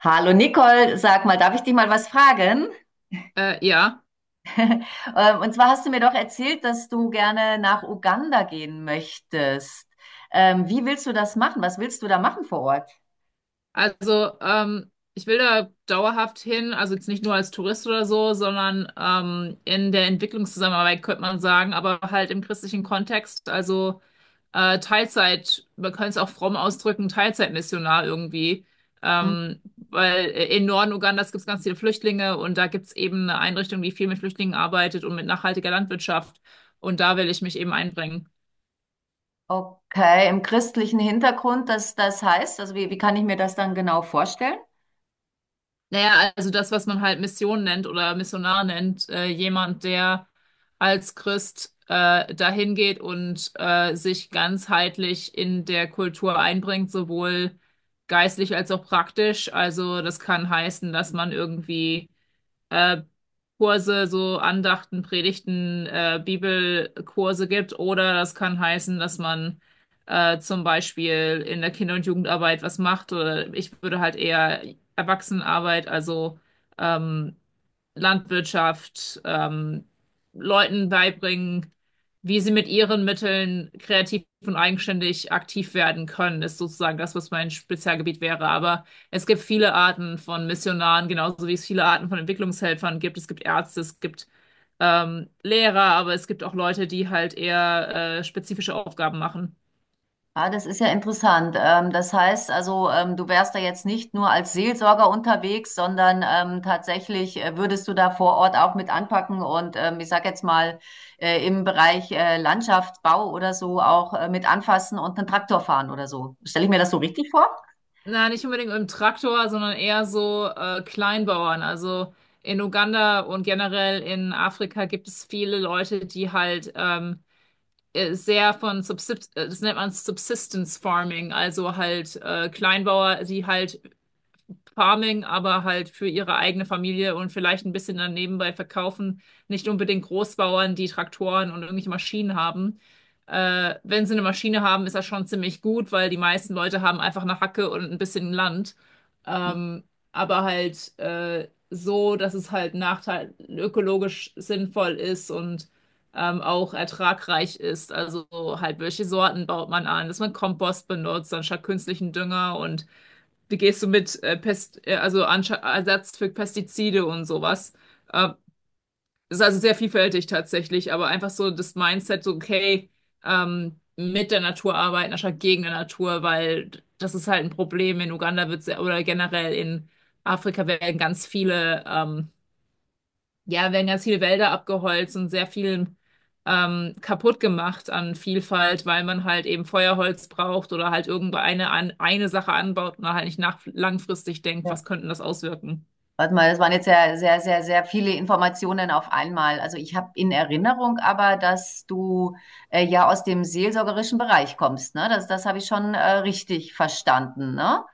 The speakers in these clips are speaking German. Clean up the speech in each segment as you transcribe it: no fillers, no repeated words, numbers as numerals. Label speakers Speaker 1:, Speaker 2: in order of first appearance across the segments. Speaker 1: Hallo Nicole, sag mal, darf ich dich mal was fragen?
Speaker 2: Äh, ja,
Speaker 1: Und zwar hast du mir doch erzählt, dass du gerne nach Uganda gehen möchtest. Wie willst du das machen? Was willst du da machen vor Ort?
Speaker 2: also ähm, ich will da dauerhaft hin, also jetzt nicht nur als Tourist oder so, sondern in der Entwicklungszusammenarbeit könnte man sagen, aber halt im christlichen Kontext, also Teilzeit, man könnte es auch fromm ausdrücken, Teilzeitmissionar irgendwie,
Speaker 1: Hm.
Speaker 2: ähm, weil im Norden Ugandas gibt es ganz viele Flüchtlinge und da gibt es eben eine Einrichtung, die viel mit Flüchtlingen arbeitet und mit nachhaltiger Landwirtschaft und da will ich mich eben einbringen.
Speaker 1: Okay, im christlichen Hintergrund, das heißt, also wie kann ich mir das dann genau vorstellen?
Speaker 2: Naja, also das, was man halt Mission nennt oder Missionar nennt, jemand, der als Christ dahin geht und sich ganzheitlich in der Kultur einbringt, sowohl geistlich als auch praktisch. Also das kann heißen, dass man irgendwie äh, Kurse, so Andachten, Predigten, Bibelkurse gibt. Oder das kann heißen, dass man zum Beispiel in der Kinder- und Jugendarbeit was macht. Oder ich würde halt eher Erwachsenenarbeit, also ähm, Landwirtschaft, Leuten beibringen, wie sie mit ihren Mitteln kreativ und eigenständig aktiv werden können, ist sozusagen das, was mein Spezialgebiet wäre. Aber es gibt viele Arten von Missionaren, genauso wie es viele Arten von Entwicklungshelfern gibt. Es gibt Ärzte, es gibt Lehrer, aber es gibt auch Leute, die halt eher spezifische Aufgaben machen.
Speaker 1: Ah, das ist ja interessant. Das heißt also, du wärst da jetzt nicht nur als Seelsorger unterwegs, sondern tatsächlich würdest du da vor Ort auch mit anpacken und ich sag jetzt mal im Bereich Landschaftsbau oder so auch mit anfassen und einen Traktor fahren oder so. Stelle ich mir das so richtig vor?
Speaker 2: Na, nicht unbedingt im Traktor, sondern eher so Kleinbauern. Also in Uganda und generell in Afrika gibt es viele Leute, die halt sehr von Subsist das nennt man Subsistence Farming, also halt Kleinbauer, die halt Farming, aber halt für ihre eigene Familie und vielleicht ein bisschen dann nebenbei verkaufen. Nicht unbedingt Großbauern, die Traktoren und irgendwelche Maschinen haben. Wenn sie eine Maschine haben, ist das schon ziemlich gut, weil die meisten Leute haben einfach eine Hacke und ein bisschen Land. Ähm, aber halt so, dass es halt Nachteil ökologisch sinnvoll ist und auch ertragreich ist. Also so halt, welche Sorten baut man an, dass man Kompost benutzt anstatt künstlichen Dünger und wie gehst du mit also Anscha Ersatz für Pestizide und sowas? Äh, Ist also sehr vielfältig tatsächlich, aber einfach so das Mindset, so okay, mit der Natur arbeiten anstatt gegen der Natur, weil das ist halt ein Problem. In Uganda wird sehr, oder generell in Afrika werden ganz viele ja, werden ganz viele Wälder abgeholzt und sehr viel kaputt gemacht an Vielfalt, weil man halt eben Feuerholz braucht oder halt eine Sache anbaut und halt nicht nach, langfristig denkt, was könnten das auswirken.
Speaker 1: Warte mal, das waren jetzt sehr, sehr, sehr, sehr viele Informationen auf einmal. Also ich habe in Erinnerung aber, dass du ja aus dem seelsorgerischen Bereich kommst, ne? Das habe ich schon richtig verstanden, ne?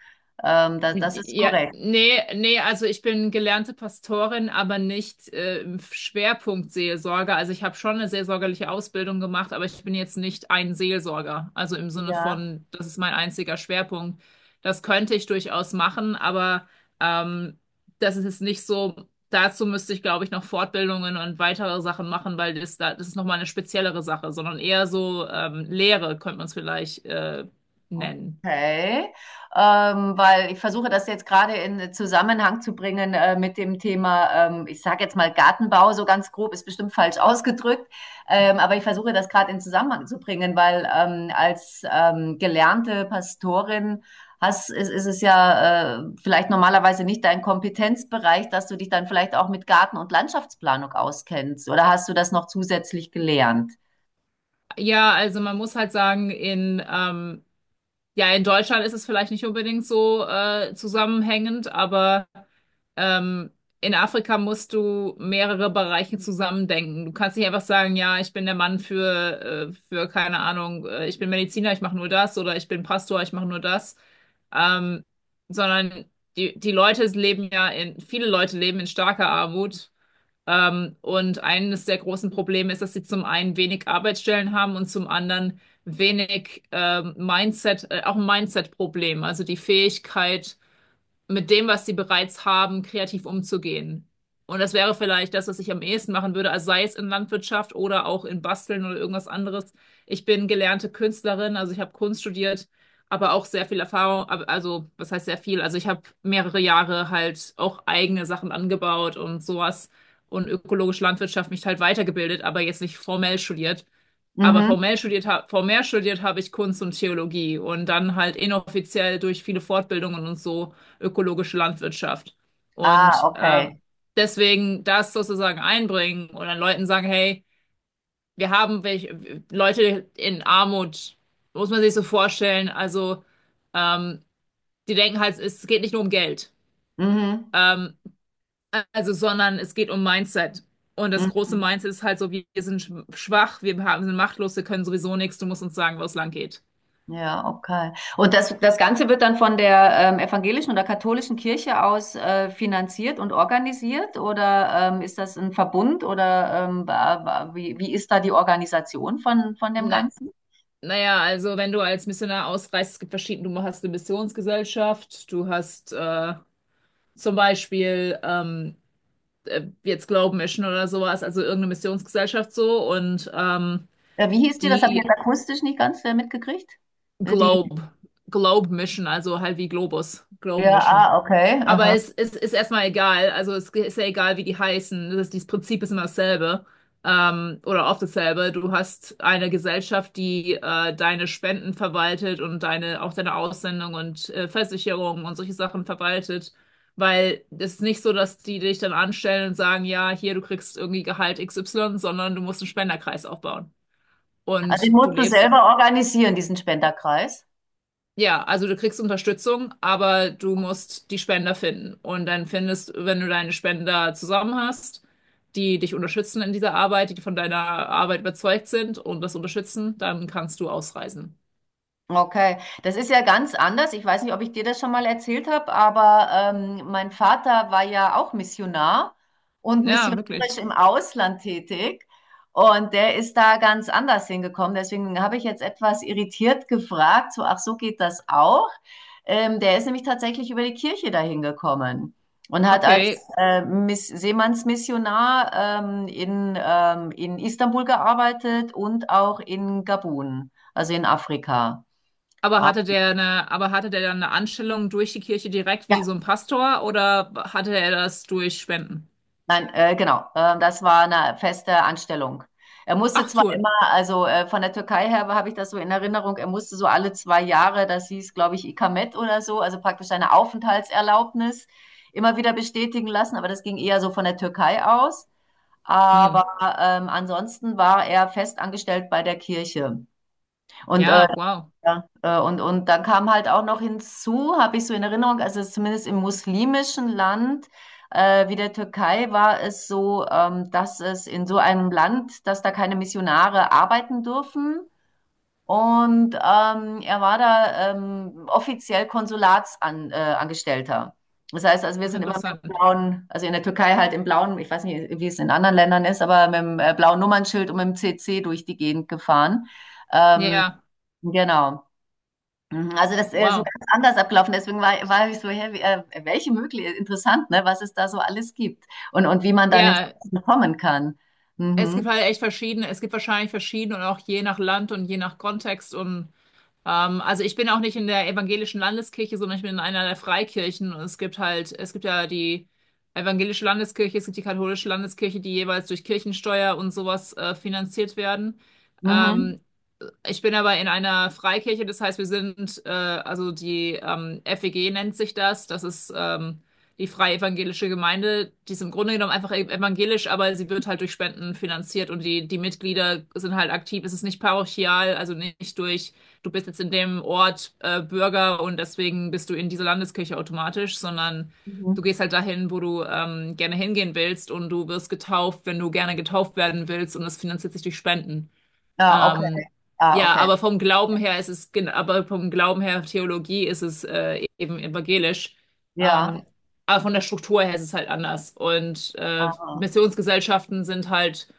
Speaker 1: Das ist
Speaker 2: Ja,
Speaker 1: korrekt.
Speaker 2: nee, nee, also ich bin gelernte Pastorin, aber nicht im Schwerpunkt Seelsorge. Also ich habe schon eine seelsorgerliche Ausbildung gemacht, aber ich bin jetzt nicht ein Seelsorger. Also im Sinne
Speaker 1: Ja.
Speaker 2: von, das ist mein einziger Schwerpunkt. Das könnte ich durchaus machen, aber ähm, das ist jetzt nicht so. Dazu müsste ich, glaube ich, noch Fortbildungen und weitere Sachen machen, weil das ist nochmal eine speziellere Sache, sondern eher so Lehre könnte man es vielleicht nennen.
Speaker 1: Okay, weil ich versuche das jetzt gerade in Zusammenhang zu bringen mit dem Thema, ich sage jetzt mal Gartenbau, so ganz grob, ist bestimmt falsch ausgedrückt, aber ich versuche das gerade in Zusammenhang zu bringen, weil als gelernte Pastorin hast, ist es ja vielleicht normalerweise nicht dein Kompetenzbereich, dass du dich dann vielleicht auch mit Garten- und Landschaftsplanung auskennst, oder hast du das noch zusätzlich gelernt?
Speaker 2: Ja, also man muss halt sagen, ja, in Deutschland ist es vielleicht nicht unbedingt so zusammenhängend, aber ähm, in Afrika musst du mehrere Bereiche zusammendenken. Du kannst nicht einfach sagen, ja, ich bin der Mann für keine Ahnung, ich bin Mediziner, ich mache nur das oder ich bin Pastor, ich mache nur das. Ähm, Sondern die Leute leben ja in, viele Leute leben in starker Armut und eines der großen Probleme ist, dass sie zum einen wenig Arbeitsstellen haben und zum anderen wenig auch ein Mindset-Problem, also die Fähigkeit, mit dem, was sie bereits haben, kreativ umzugehen. Und das wäre vielleicht das, was ich am ehesten machen würde, also sei es in Landwirtschaft oder auch in Basteln oder irgendwas anderes. Ich bin gelernte Künstlerin, also ich habe Kunst studiert, aber auch sehr viel Erfahrung, also was heißt sehr viel? Also ich habe mehrere Jahre halt auch eigene Sachen angebaut und sowas und ökologische Landwirtschaft mich halt weitergebildet, aber jetzt nicht formell studiert. Aber
Speaker 1: Mhm.
Speaker 2: formell studiert, formell studiert habe ich Kunst und Theologie und dann halt inoffiziell durch viele Fortbildungen und so ökologische Landwirtschaft.
Speaker 1: Ah,
Speaker 2: Und
Speaker 1: okay.
Speaker 2: deswegen das sozusagen einbringen und dann Leuten sagen, hey, wir haben welche, Leute in Armut, muss man sich so vorstellen. Also ähm, die denken halt, es geht nicht nur um Geld,
Speaker 1: Mhm.
Speaker 2: ähm, also sondern es geht um Mindset. Und das
Speaker 1: Mhm.
Speaker 2: große Mindset ist halt so, wir sind schwach, wir haben, sind machtlos, wir können sowieso nichts, du musst uns sagen, wo es lang geht.
Speaker 1: Ja, okay. Und das, das Ganze wird dann von der evangelischen oder katholischen Kirche aus finanziert und organisiert? Oder ist das ein Verbund? Oder wie ist da die Organisation von dem
Speaker 2: Na,
Speaker 1: Ganzen?
Speaker 2: naja, also wenn du als Missionar ausreist, es gibt verschiedene, du hast eine Missionsgesellschaft, du hast zum Beispiel jetzt Globe Mission oder sowas, also irgendeine Missionsgesellschaft so und
Speaker 1: Wie hieß die? Das habe ich
Speaker 2: die
Speaker 1: jetzt akustisch nicht ganz mitgekriegt. Die,
Speaker 2: Globe, Globe Mission, also halt wie Globus, Globe
Speaker 1: ja,
Speaker 2: Mission.
Speaker 1: ah, okay.
Speaker 2: Aber
Speaker 1: Aha.
Speaker 2: ist erstmal egal. Also es ist ja egal, wie die heißen. Das Prinzip ist immer dasselbe. Oder oft dasselbe. Du hast eine Gesellschaft, die deine Spenden verwaltet und auch deine Aussendung und Versicherung und solche Sachen verwaltet. Weil es ist nicht so, dass die dich dann anstellen und sagen, ja, hier, du kriegst irgendwie Gehalt XY, sondern du musst einen Spenderkreis aufbauen.
Speaker 1: Also den
Speaker 2: Und du
Speaker 1: musst du
Speaker 2: lebst.
Speaker 1: selber organisieren, diesen Spenderkreis.
Speaker 2: Ja, also du kriegst Unterstützung, aber du musst die Spender finden. Und dann findest, wenn du deine Spender zusammen hast, die dich unterstützen in dieser Arbeit, die von deiner Arbeit überzeugt sind und das unterstützen, dann kannst du ausreisen.
Speaker 1: Okay, das ist ja ganz anders. Ich weiß nicht, ob ich dir das schon mal erzählt habe, aber mein Vater war ja auch Missionar und
Speaker 2: Ja,
Speaker 1: missionarisch
Speaker 2: wirklich.
Speaker 1: im Ausland tätig. Und der ist da ganz anders hingekommen. Deswegen habe ich jetzt etwas irritiert gefragt, so, ach, so geht das auch. Der ist nämlich tatsächlich über die Kirche dahin gekommen und hat als
Speaker 2: Okay.
Speaker 1: Miss Seemannsmissionar in Istanbul gearbeitet und auch in Gabun, also in Afrika.
Speaker 2: Aber hatte der eine, aber hatte der dann eine Anstellung durch die Kirche direkt
Speaker 1: Ja,
Speaker 2: wie so ein Pastor oder hatte er das durch Spenden?
Speaker 1: nein, genau. Das war eine feste Anstellung. Er musste
Speaker 2: Ach,
Speaker 1: zwar
Speaker 2: toll.
Speaker 1: immer, also von der Türkei her habe ich das so in Erinnerung, er musste so alle zwei Jahre, das hieß, glaube ich, Ikamet oder so, also praktisch seine Aufenthaltserlaubnis immer wieder bestätigen lassen, aber das ging eher so von der Türkei aus.
Speaker 2: Hm.
Speaker 1: Aber ansonsten war er fest angestellt bei der Kirche. Und
Speaker 2: Ja, wow.
Speaker 1: ja, und dann kam halt auch noch hinzu, habe ich so in Erinnerung, also zumindest im muslimischen Land wie der Türkei war es so, dass es in so einem Land, dass da keine Missionare arbeiten dürfen. Und er war da offiziell Konsulatsangestellter. Angestellter. Das heißt, also wir
Speaker 2: Ach,
Speaker 1: sind immer mit dem
Speaker 2: interessant.
Speaker 1: blauen, also in der Türkei halt im blauen, ich weiß nicht, wie es in anderen Ländern ist, aber mit dem blauen Nummernschild und mit dem CC durch die Gegend gefahren. Ähm,
Speaker 2: Ja,
Speaker 1: genau. Mhm, also, so
Speaker 2: wow.
Speaker 1: ganz anders abgelaufen. Deswegen war ich so: „Hä, wie welche mögli interessant, ne, was es da so alles gibt und wie man dann ins
Speaker 2: Ja,
Speaker 1: Außen kommen kann.
Speaker 2: es gibt
Speaker 1: Mhm.
Speaker 2: halt echt verschiedene, es gibt wahrscheinlich verschiedene und auch je nach Land und je nach Kontext und also ich bin auch nicht in der evangelischen Landeskirche, sondern ich bin in einer der Freikirchen und es gibt halt, es gibt ja die evangelische Landeskirche, es gibt die katholische Landeskirche, die jeweils durch Kirchensteuer und sowas finanziert werden.
Speaker 1: Mhm.
Speaker 2: Ähm, Ich bin aber in einer Freikirche, das heißt, wir sind, also die FEG nennt sich das. Das ist die Freie Evangelische Gemeinde. Die ist im Grunde genommen einfach evangelisch, aber sie wird halt durch Spenden finanziert und die Mitglieder sind halt aktiv. Es ist nicht parochial, also nicht durch, du bist jetzt in dem Ort Bürger und deswegen bist du in dieser Landeskirche automatisch, sondern
Speaker 1: Mhm.
Speaker 2: du gehst halt dahin, wo du gerne hingehen willst und du wirst getauft, wenn du gerne getauft werden willst und das finanziert sich durch Spenden.
Speaker 1: Ja, okay.
Speaker 2: Ähm,
Speaker 1: Ah,
Speaker 2: ja,
Speaker 1: okay.
Speaker 2: aber vom Glauben her ist es, aber vom Glauben her Theologie ist es eben evangelisch.
Speaker 1: Ja.
Speaker 2: Ähm, aber von der Struktur her ist es halt anders. Und
Speaker 1: Ah.
Speaker 2: Missionsgesellschaften sind halt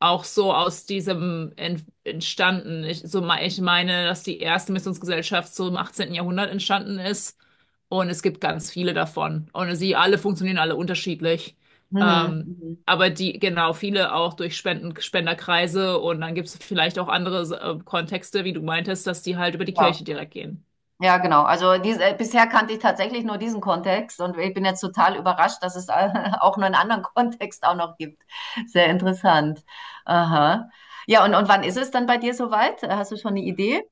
Speaker 2: auch so aus diesem entstanden. Ich meine, dass die erste Missionsgesellschaft so im 18. Jahrhundert entstanden ist und es gibt ganz viele davon. Und sie alle funktionieren alle unterschiedlich.
Speaker 1: Mhm.
Speaker 2: Ähm,
Speaker 1: Mhm.
Speaker 2: aber die, genau, viele auch durch Spenden, Spenderkreise und dann gibt es vielleicht auch andere Kontexte, wie du meintest, dass die halt über die
Speaker 1: Ja.
Speaker 2: Kirche direkt gehen.
Speaker 1: Ja, genau. Also, diese bisher kannte ich tatsächlich nur diesen Kontext und ich bin jetzt total überrascht, dass es auch nur 'nen anderen Kontext auch noch gibt. Sehr interessant. Aha. Ja, und wann ist es dann bei dir soweit? Hast du schon eine Idee?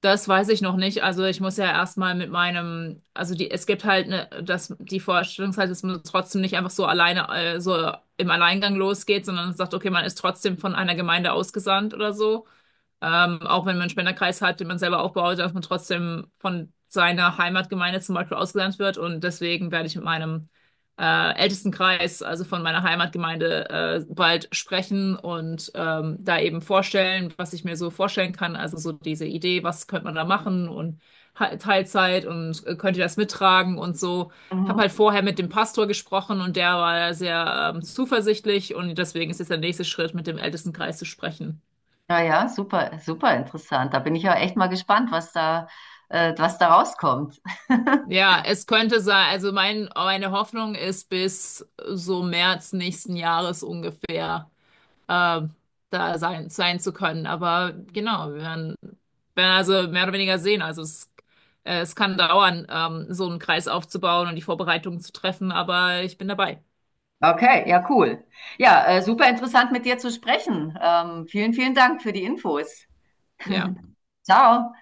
Speaker 2: Das weiß ich noch nicht. Also ich muss ja erstmal mit meinem, also die, es gibt halt eine, dass die Vorstellungszeit, dass man trotzdem nicht einfach so alleine, so im Alleingang losgeht, sondern sagt, okay, man ist trotzdem von einer Gemeinde ausgesandt oder so. Auch wenn man einen Spenderkreis hat, den man selber aufbaut, dass man trotzdem von seiner Heimatgemeinde zum Beispiel ausgelernt wird. Und deswegen werde ich mit meinem ältesten Kreis, also von meiner Heimatgemeinde, bald sprechen und da eben vorstellen, was ich mir so vorstellen kann. Also so diese Idee, was könnte man da machen und Teilzeit und könnt ihr das mittragen und so. Ich habe
Speaker 1: Mhm.
Speaker 2: halt vorher mit dem Pastor gesprochen und der war sehr zuversichtlich und deswegen ist jetzt der nächste Schritt, mit dem Ältestenkreis zu sprechen.
Speaker 1: Ja, ja, super, super interessant. Da bin ich ja echt mal gespannt, was da rauskommt.
Speaker 2: Ja, es könnte sein, meine Hoffnung ist bis so März nächsten Jahres ungefähr ähm, da sein, zu können. Aber genau, werden also mehr oder weniger sehen. Also es kann dauern, so einen Kreis aufzubauen und die Vorbereitungen zu treffen, aber ich bin dabei.
Speaker 1: Okay, ja, cool. Ja, super interessant mit dir zu sprechen. Vielen, vielen Dank für die Infos.
Speaker 2: Ja.
Speaker 1: Ciao.